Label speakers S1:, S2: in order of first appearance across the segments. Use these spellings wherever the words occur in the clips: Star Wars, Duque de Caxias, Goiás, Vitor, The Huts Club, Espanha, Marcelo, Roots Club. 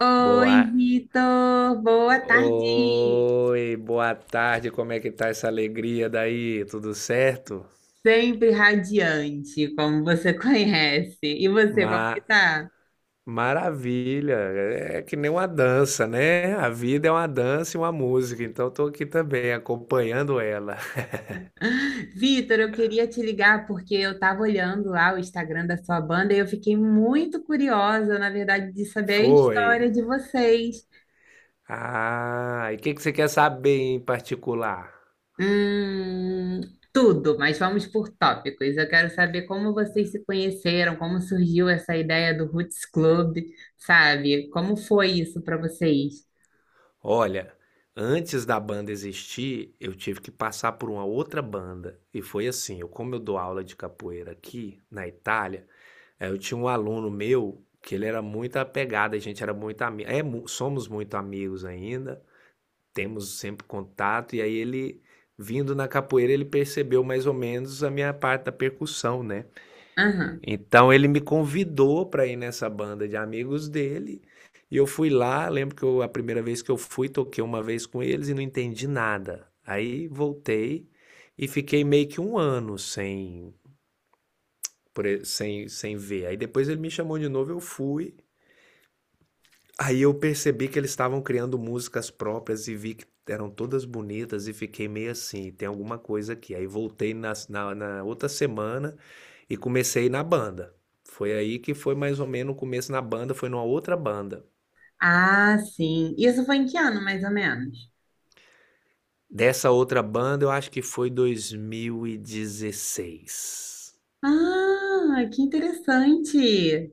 S1: Oi,
S2: Boa.
S1: Vitor, boa tarde.
S2: Oi, boa tarde. Como é que tá essa alegria daí? Tudo certo?
S1: Sempre radiante, como você conhece. E você,
S2: Ma
S1: como que tá?
S2: Maravilha. É que nem uma dança, né? A vida é uma dança e uma música, então eu tô aqui também acompanhando ela.
S1: Vitor, eu queria te ligar porque eu estava olhando lá o Instagram da sua banda e eu fiquei muito curiosa, na verdade, de saber a
S2: Foi.
S1: história de vocês.
S2: Ah, e o que que você quer saber em particular?
S1: Hum, Tudo, mas vamos por tópicos. Eu quero saber como vocês se conheceram, como surgiu essa ideia do Roots Club, sabe? Como foi isso para vocês?
S2: Olha, antes da banda existir, eu tive que passar por uma outra banda. E foi assim, eu, como eu dou aula de capoeira aqui na Itália, é, eu tinha um aluno meu que ele era muito apegado, a gente era muito amigo, é, somos muito amigos ainda, temos sempre contato, e aí ele, vindo na capoeira, ele percebeu mais ou menos a minha parte da percussão, né?
S1: Aham.
S2: Então ele me convidou para ir nessa banda de amigos dele, e eu fui lá, lembro que a primeira vez que eu fui, toquei uma vez com eles e não entendi nada. Aí voltei e fiquei meio que um ano sem, sem, sem ver. Aí depois ele me chamou de novo, eu fui. Aí eu percebi que eles estavam criando músicas próprias e vi que eram todas bonitas e fiquei meio assim, tem alguma coisa aqui. Aí voltei na, na outra semana e comecei na banda. Foi aí que foi mais ou menos o começo na banda, foi numa outra banda.
S1: Ah, sim. Isso foi em que ano, mais ou menos?
S2: Dessa outra banda eu acho que foi 2016.
S1: Ah, que interessante.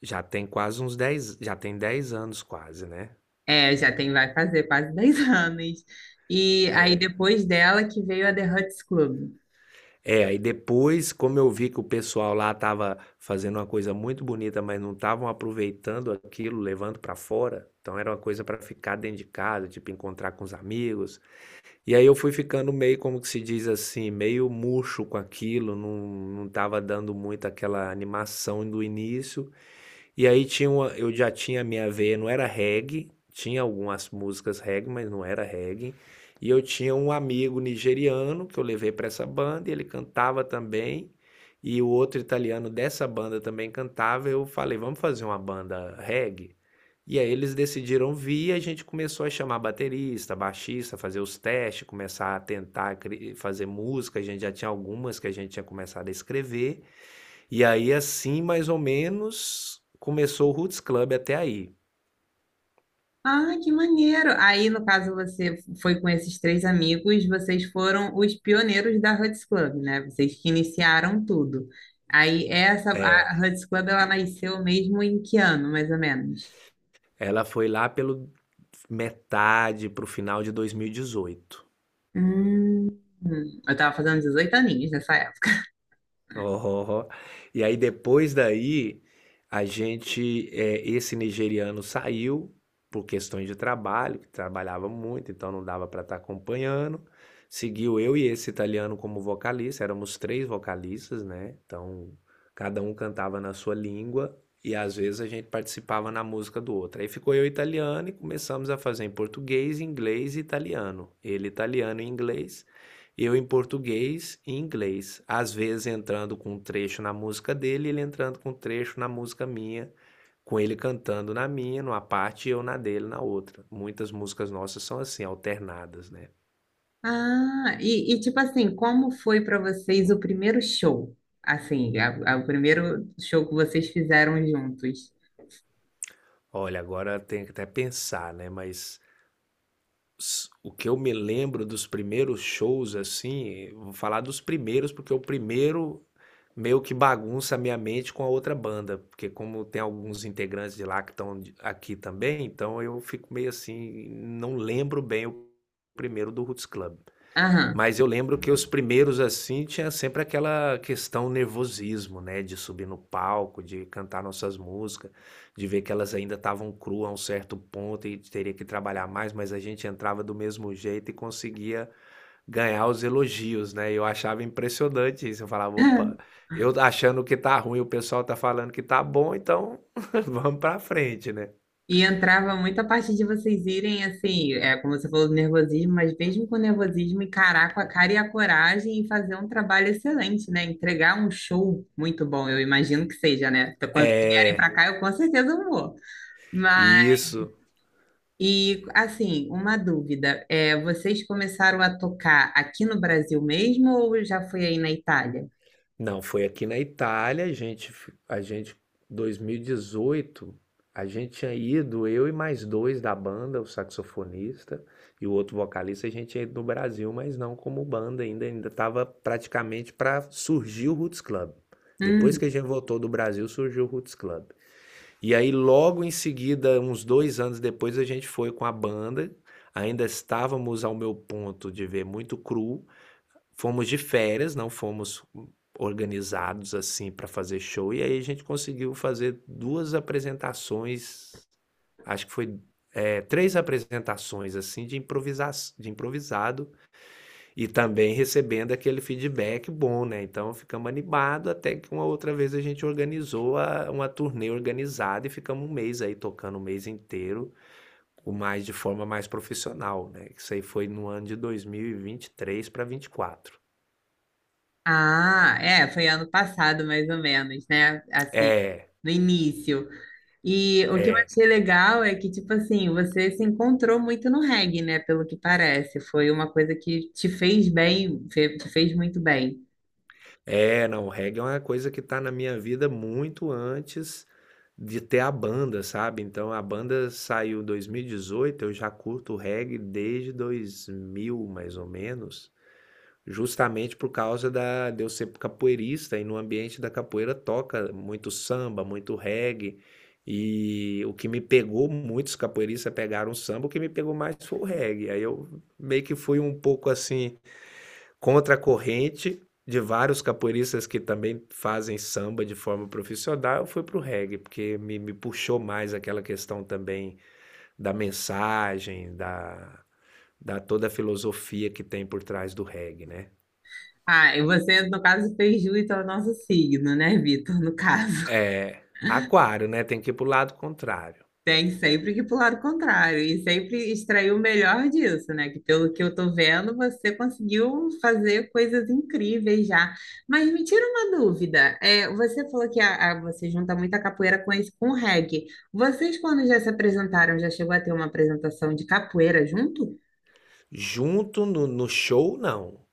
S2: Já tem quase uns 10 já tem 10 anos quase, né?
S1: É, já tem, vai fazer quase 10 anos. E aí,
S2: É.
S1: depois dela, que veio a The Huts Club.
S2: É, aí depois, como eu vi que o pessoal lá estava fazendo uma coisa muito bonita, mas não estavam aproveitando aquilo, levando para fora, então era uma coisa para ficar dentro de casa, tipo encontrar com os amigos. E aí eu fui ficando meio, como que se diz assim, meio murcho com aquilo, não, não tava dando muito aquela animação do início. E aí tinha uma, eu já tinha minha veia, não era reggae, tinha algumas músicas reggae, mas não era reggae. E eu tinha um amigo nigeriano que eu levei para essa banda, e ele cantava também. E o outro italiano dessa banda também cantava. Eu falei, vamos fazer uma banda reggae? E aí eles decidiram vir e a gente começou a chamar baterista, baixista, fazer os testes, começar a tentar fazer música. A gente já tinha algumas que a gente tinha começado a escrever. E aí, assim, mais ou menos, começou o Roots Club até aí.
S1: Ah, que maneiro. Aí, no caso, você foi com esses três amigos, vocês foram os pioneiros da Huts Club, né? Vocês que iniciaram tudo. Aí, essa, a
S2: É,
S1: Huts Club, ela nasceu mesmo em que ano, mais ou menos?
S2: ela foi lá pelo metade pro final de 2018.
S1: Hum, eu tava fazendo 18 aninhos nessa época.
S2: Oh. E aí depois daí, a gente, esse nigeriano saiu por questões de trabalho, que trabalhava muito, então não dava para estar acompanhando. Seguiu eu e esse italiano como vocalista, éramos três vocalistas, né? Então cada um cantava na sua língua e às vezes a gente participava na música do outro. Aí ficou eu e italiano e começamos a fazer em português, inglês e italiano. Ele italiano e inglês. Eu em português e inglês, às vezes entrando com um trecho na música dele, ele entrando com um trecho na música minha, com ele cantando na minha, numa parte, e eu na dele, na outra. Muitas músicas nossas são assim, alternadas, né?
S1: Ah, e, tipo assim, como foi para vocês o primeiro show? Assim, o primeiro show que vocês fizeram juntos.
S2: Olha, agora tem que até pensar, né? Mas o que eu me lembro dos primeiros shows, assim, vou falar dos primeiros, porque o primeiro meio que bagunça a minha mente com a outra banda, porque como tem alguns integrantes de lá que estão aqui também, então eu fico meio assim, não lembro bem o primeiro do Roots Club.
S1: Aham.
S2: Mas eu lembro que os primeiros assim tinha sempre aquela questão nervosismo, né, de subir no palco, de cantar nossas músicas, de ver que elas ainda estavam cruas a um certo ponto e teria que trabalhar mais, mas a gente entrava do mesmo jeito e conseguia ganhar os elogios, né, eu achava impressionante isso, eu falava: "Opa, eu achando que tá ruim, o pessoal tá falando que tá bom, então vamos pra frente, né".
S1: E entrava muita parte de vocês irem, assim, é, como você falou, do nervosismo, mas mesmo com o nervosismo, encarar com a cara e a coragem e fazer um trabalho excelente, né? Entregar um show muito bom, eu imagino que seja, né? Então, quando vocês vierem
S2: É,
S1: para cá, eu com certeza vou.
S2: isso.
S1: E assim, uma dúvida, é, vocês começaram a tocar aqui no Brasil mesmo ou já foi aí na Itália?
S2: Não, foi aqui na Itália, a gente f a gente 2018, a gente tinha ido, eu e mais 2 da banda, o saxofonista e o outro vocalista, a gente tinha ido no Brasil, mas não como banda ainda, ainda estava praticamente para surgir o Roots Club. Depois que a
S1: Hum,
S2: gente voltou do Brasil, surgiu o Roots Club. E aí, logo em seguida, uns 2 anos depois, a gente foi com a banda. Ainda estávamos ao meu ponto de ver muito cru. Fomos de férias, não fomos organizados assim para fazer show. E aí a gente conseguiu fazer duas apresentações. Acho que foi é, três apresentações assim de, improvisa de improvisado e também recebendo aquele feedback bom, né, então ficamos animados até que uma outra vez a gente organizou a uma turnê organizada e ficamos um mês aí tocando o mês inteiro, o mais de forma mais profissional, né, isso aí foi no ano de 2023 para 24.
S1: ah, é, foi ano passado mais ou menos, né? Assim,
S2: É,
S1: no início. E o que eu
S2: é,
S1: achei legal é que, tipo assim, você se encontrou muito no reggae, né? Pelo que parece, foi uma coisa que te fez bem, te fez muito bem.
S2: não, o reggae é uma coisa que está na minha vida muito antes de ter a banda, sabe, então a banda saiu 2018, eu já curto reggae desde 2000 mais ou menos. Justamente por causa da de eu ser capoeirista e no ambiente da capoeira toca muito samba, muito reggae. E o que me pegou, muitos capoeiristas pegaram o samba, o que me pegou mais foi o reggae. Aí eu meio que fui um pouco assim, contra a corrente de vários capoeiristas que também fazem samba de forma profissional, eu fui pro reggae, porque me puxou mais aquela questão também da mensagem, da, da toda a filosofia que tem por trás do reggae, né?
S1: Ah, e você, no caso, fez jus ao nosso signo, né, Vitor, no caso.
S2: É, aquário, né, tem que ir para o lado contrário.
S1: Tem sempre que pular lado contrário e sempre extrair o melhor disso, né? Que pelo que eu tô vendo, você conseguiu fazer coisas incríveis já. Mas me tira uma dúvida. É, você falou que você junta muita capoeira com esse, com o reggae. Vocês, quando já se apresentaram, já chegou a ter uma apresentação de capoeira junto?
S2: Junto no show, não.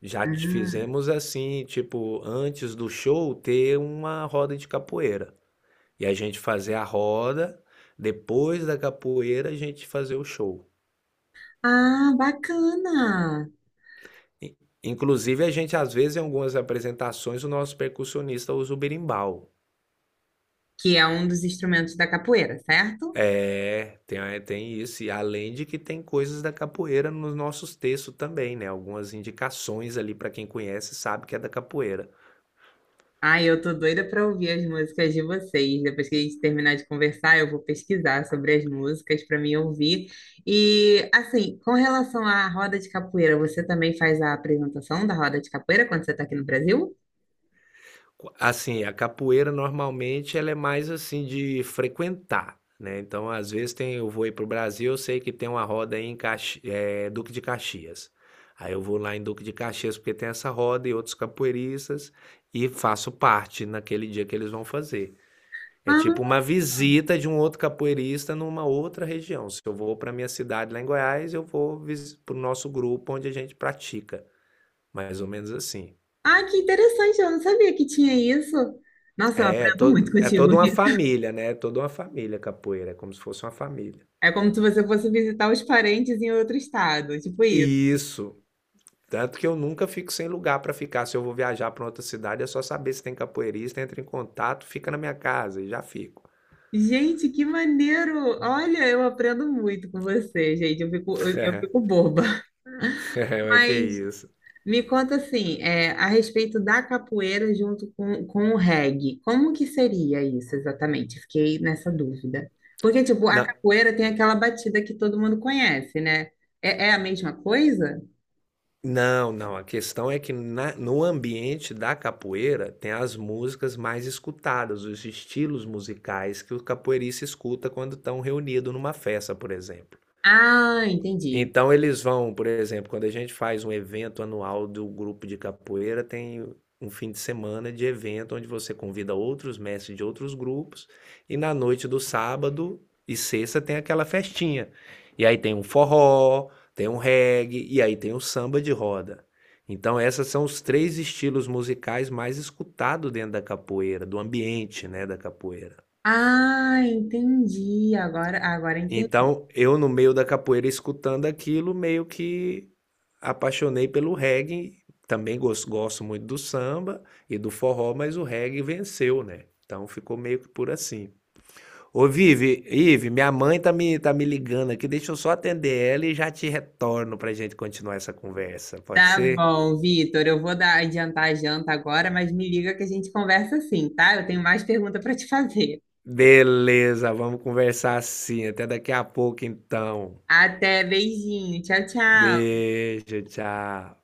S2: Já t
S1: Hum.
S2: fizemos assim, tipo, antes do show ter uma roda de capoeira. E a gente fazer a roda, depois da capoeira a gente fazer o show.
S1: Ah, bacana!
S2: In inclusive a gente, às vezes, em algumas apresentações, o nosso percussionista usa o berimbau.
S1: Que é um dos instrumentos da capoeira, certo?
S2: É, tem isso. E além de que tem coisas da capoeira nos nossos textos também, né, algumas indicações ali para quem conhece sabe que é da capoeira.
S1: Ai, eu tô doida pra ouvir as músicas de vocês. Depois que a gente terminar de conversar, eu vou pesquisar sobre as músicas para mim ouvir. E assim, com relação à roda de capoeira, você também faz a apresentação da roda de capoeira quando você tá aqui no Brasil?
S2: Co assim, a capoeira normalmente ela é mais, assim, de frequentar, né, então às vezes tem eu vou ir para o Brasil, eu sei que tem uma roda aí em Duque de Caxias. Aí eu vou lá em Duque de Caxias porque tem essa roda e outros capoeiristas, e faço parte naquele dia que eles vão fazer. É tipo
S1: Ah,
S2: uma visita de um outro capoeirista numa outra região. Se eu vou para minha cidade lá em Goiás, eu vou para o nosso grupo onde a gente pratica, mais ou menos assim.
S1: ah, que interessante, eu não sabia que tinha isso. Nossa, eu aprendo muito
S2: É
S1: contigo.
S2: toda uma família, né? É toda uma família capoeira, é como se fosse uma família.
S1: É como se você fosse visitar os parentes em outro estado, tipo isso.
S2: Isso. Tanto que eu nunca fico sem lugar para ficar. Se eu vou viajar para outra cidade, é só saber se tem capoeirista, entra em contato, fica na minha casa e já fico.
S1: Gente, que maneiro! Olha, eu aprendo muito com você, gente. Eu fico, eu fico boba.
S2: Como é mas que é
S1: Mas
S2: isso?
S1: me conta assim, é, a respeito da capoeira junto com o reggae, como que seria isso exatamente? Fiquei nessa dúvida. Porque, tipo, a
S2: Não,
S1: capoeira tem aquela batida que todo mundo conhece, né? É, é a mesma coisa?
S2: Não, a questão é que na no ambiente da capoeira tem as músicas mais escutadas, os estilos musicais que o capoeirista escuta quando estão reunido numa festa, por exemplo.
S1: Ah, entendi.
S2: Então eles vão, por exemplo, quando a gente faz um evento anual do grupo de capoeira, tem um fim de semana de evento onde você convida outros mestres de outros grupos e na noite do sábado e sexta tem aquela festinha. E aí tem um forró, tem um reggae e aí tem o samba de roda. Então essas são os três estilos musicais mais escutados dentro da capoeira, do ambiente, né, da capoeira.
S1: Ah, entendi. Agora, agora entendi.
S2: Então eu no meio da capoeira escutando aquilo meio que apaixonei pelo reggae, também gosto muito do samba e do forró, mas o reggae venceu, né? Então ficou meio que por assim. Ô, Vivi, Ive, minha mãe tá me ligando aqui, deixa eu só atender ela e já te retorno pra gente continuar essa conversa, pode
S1: Tá
S2: ser?
S1: bom, Vitor, eu vou dar, adiantar a janta agora, mas me liga que a gente conversa assim, tá? Eu tenho mais pergunta para te fazer.
S2: Beleza, vamos conversar assim. Até daqui a pouco, então.
S1: Até, beijinho. Tchau, tchau.
S2: Beijo, tchau.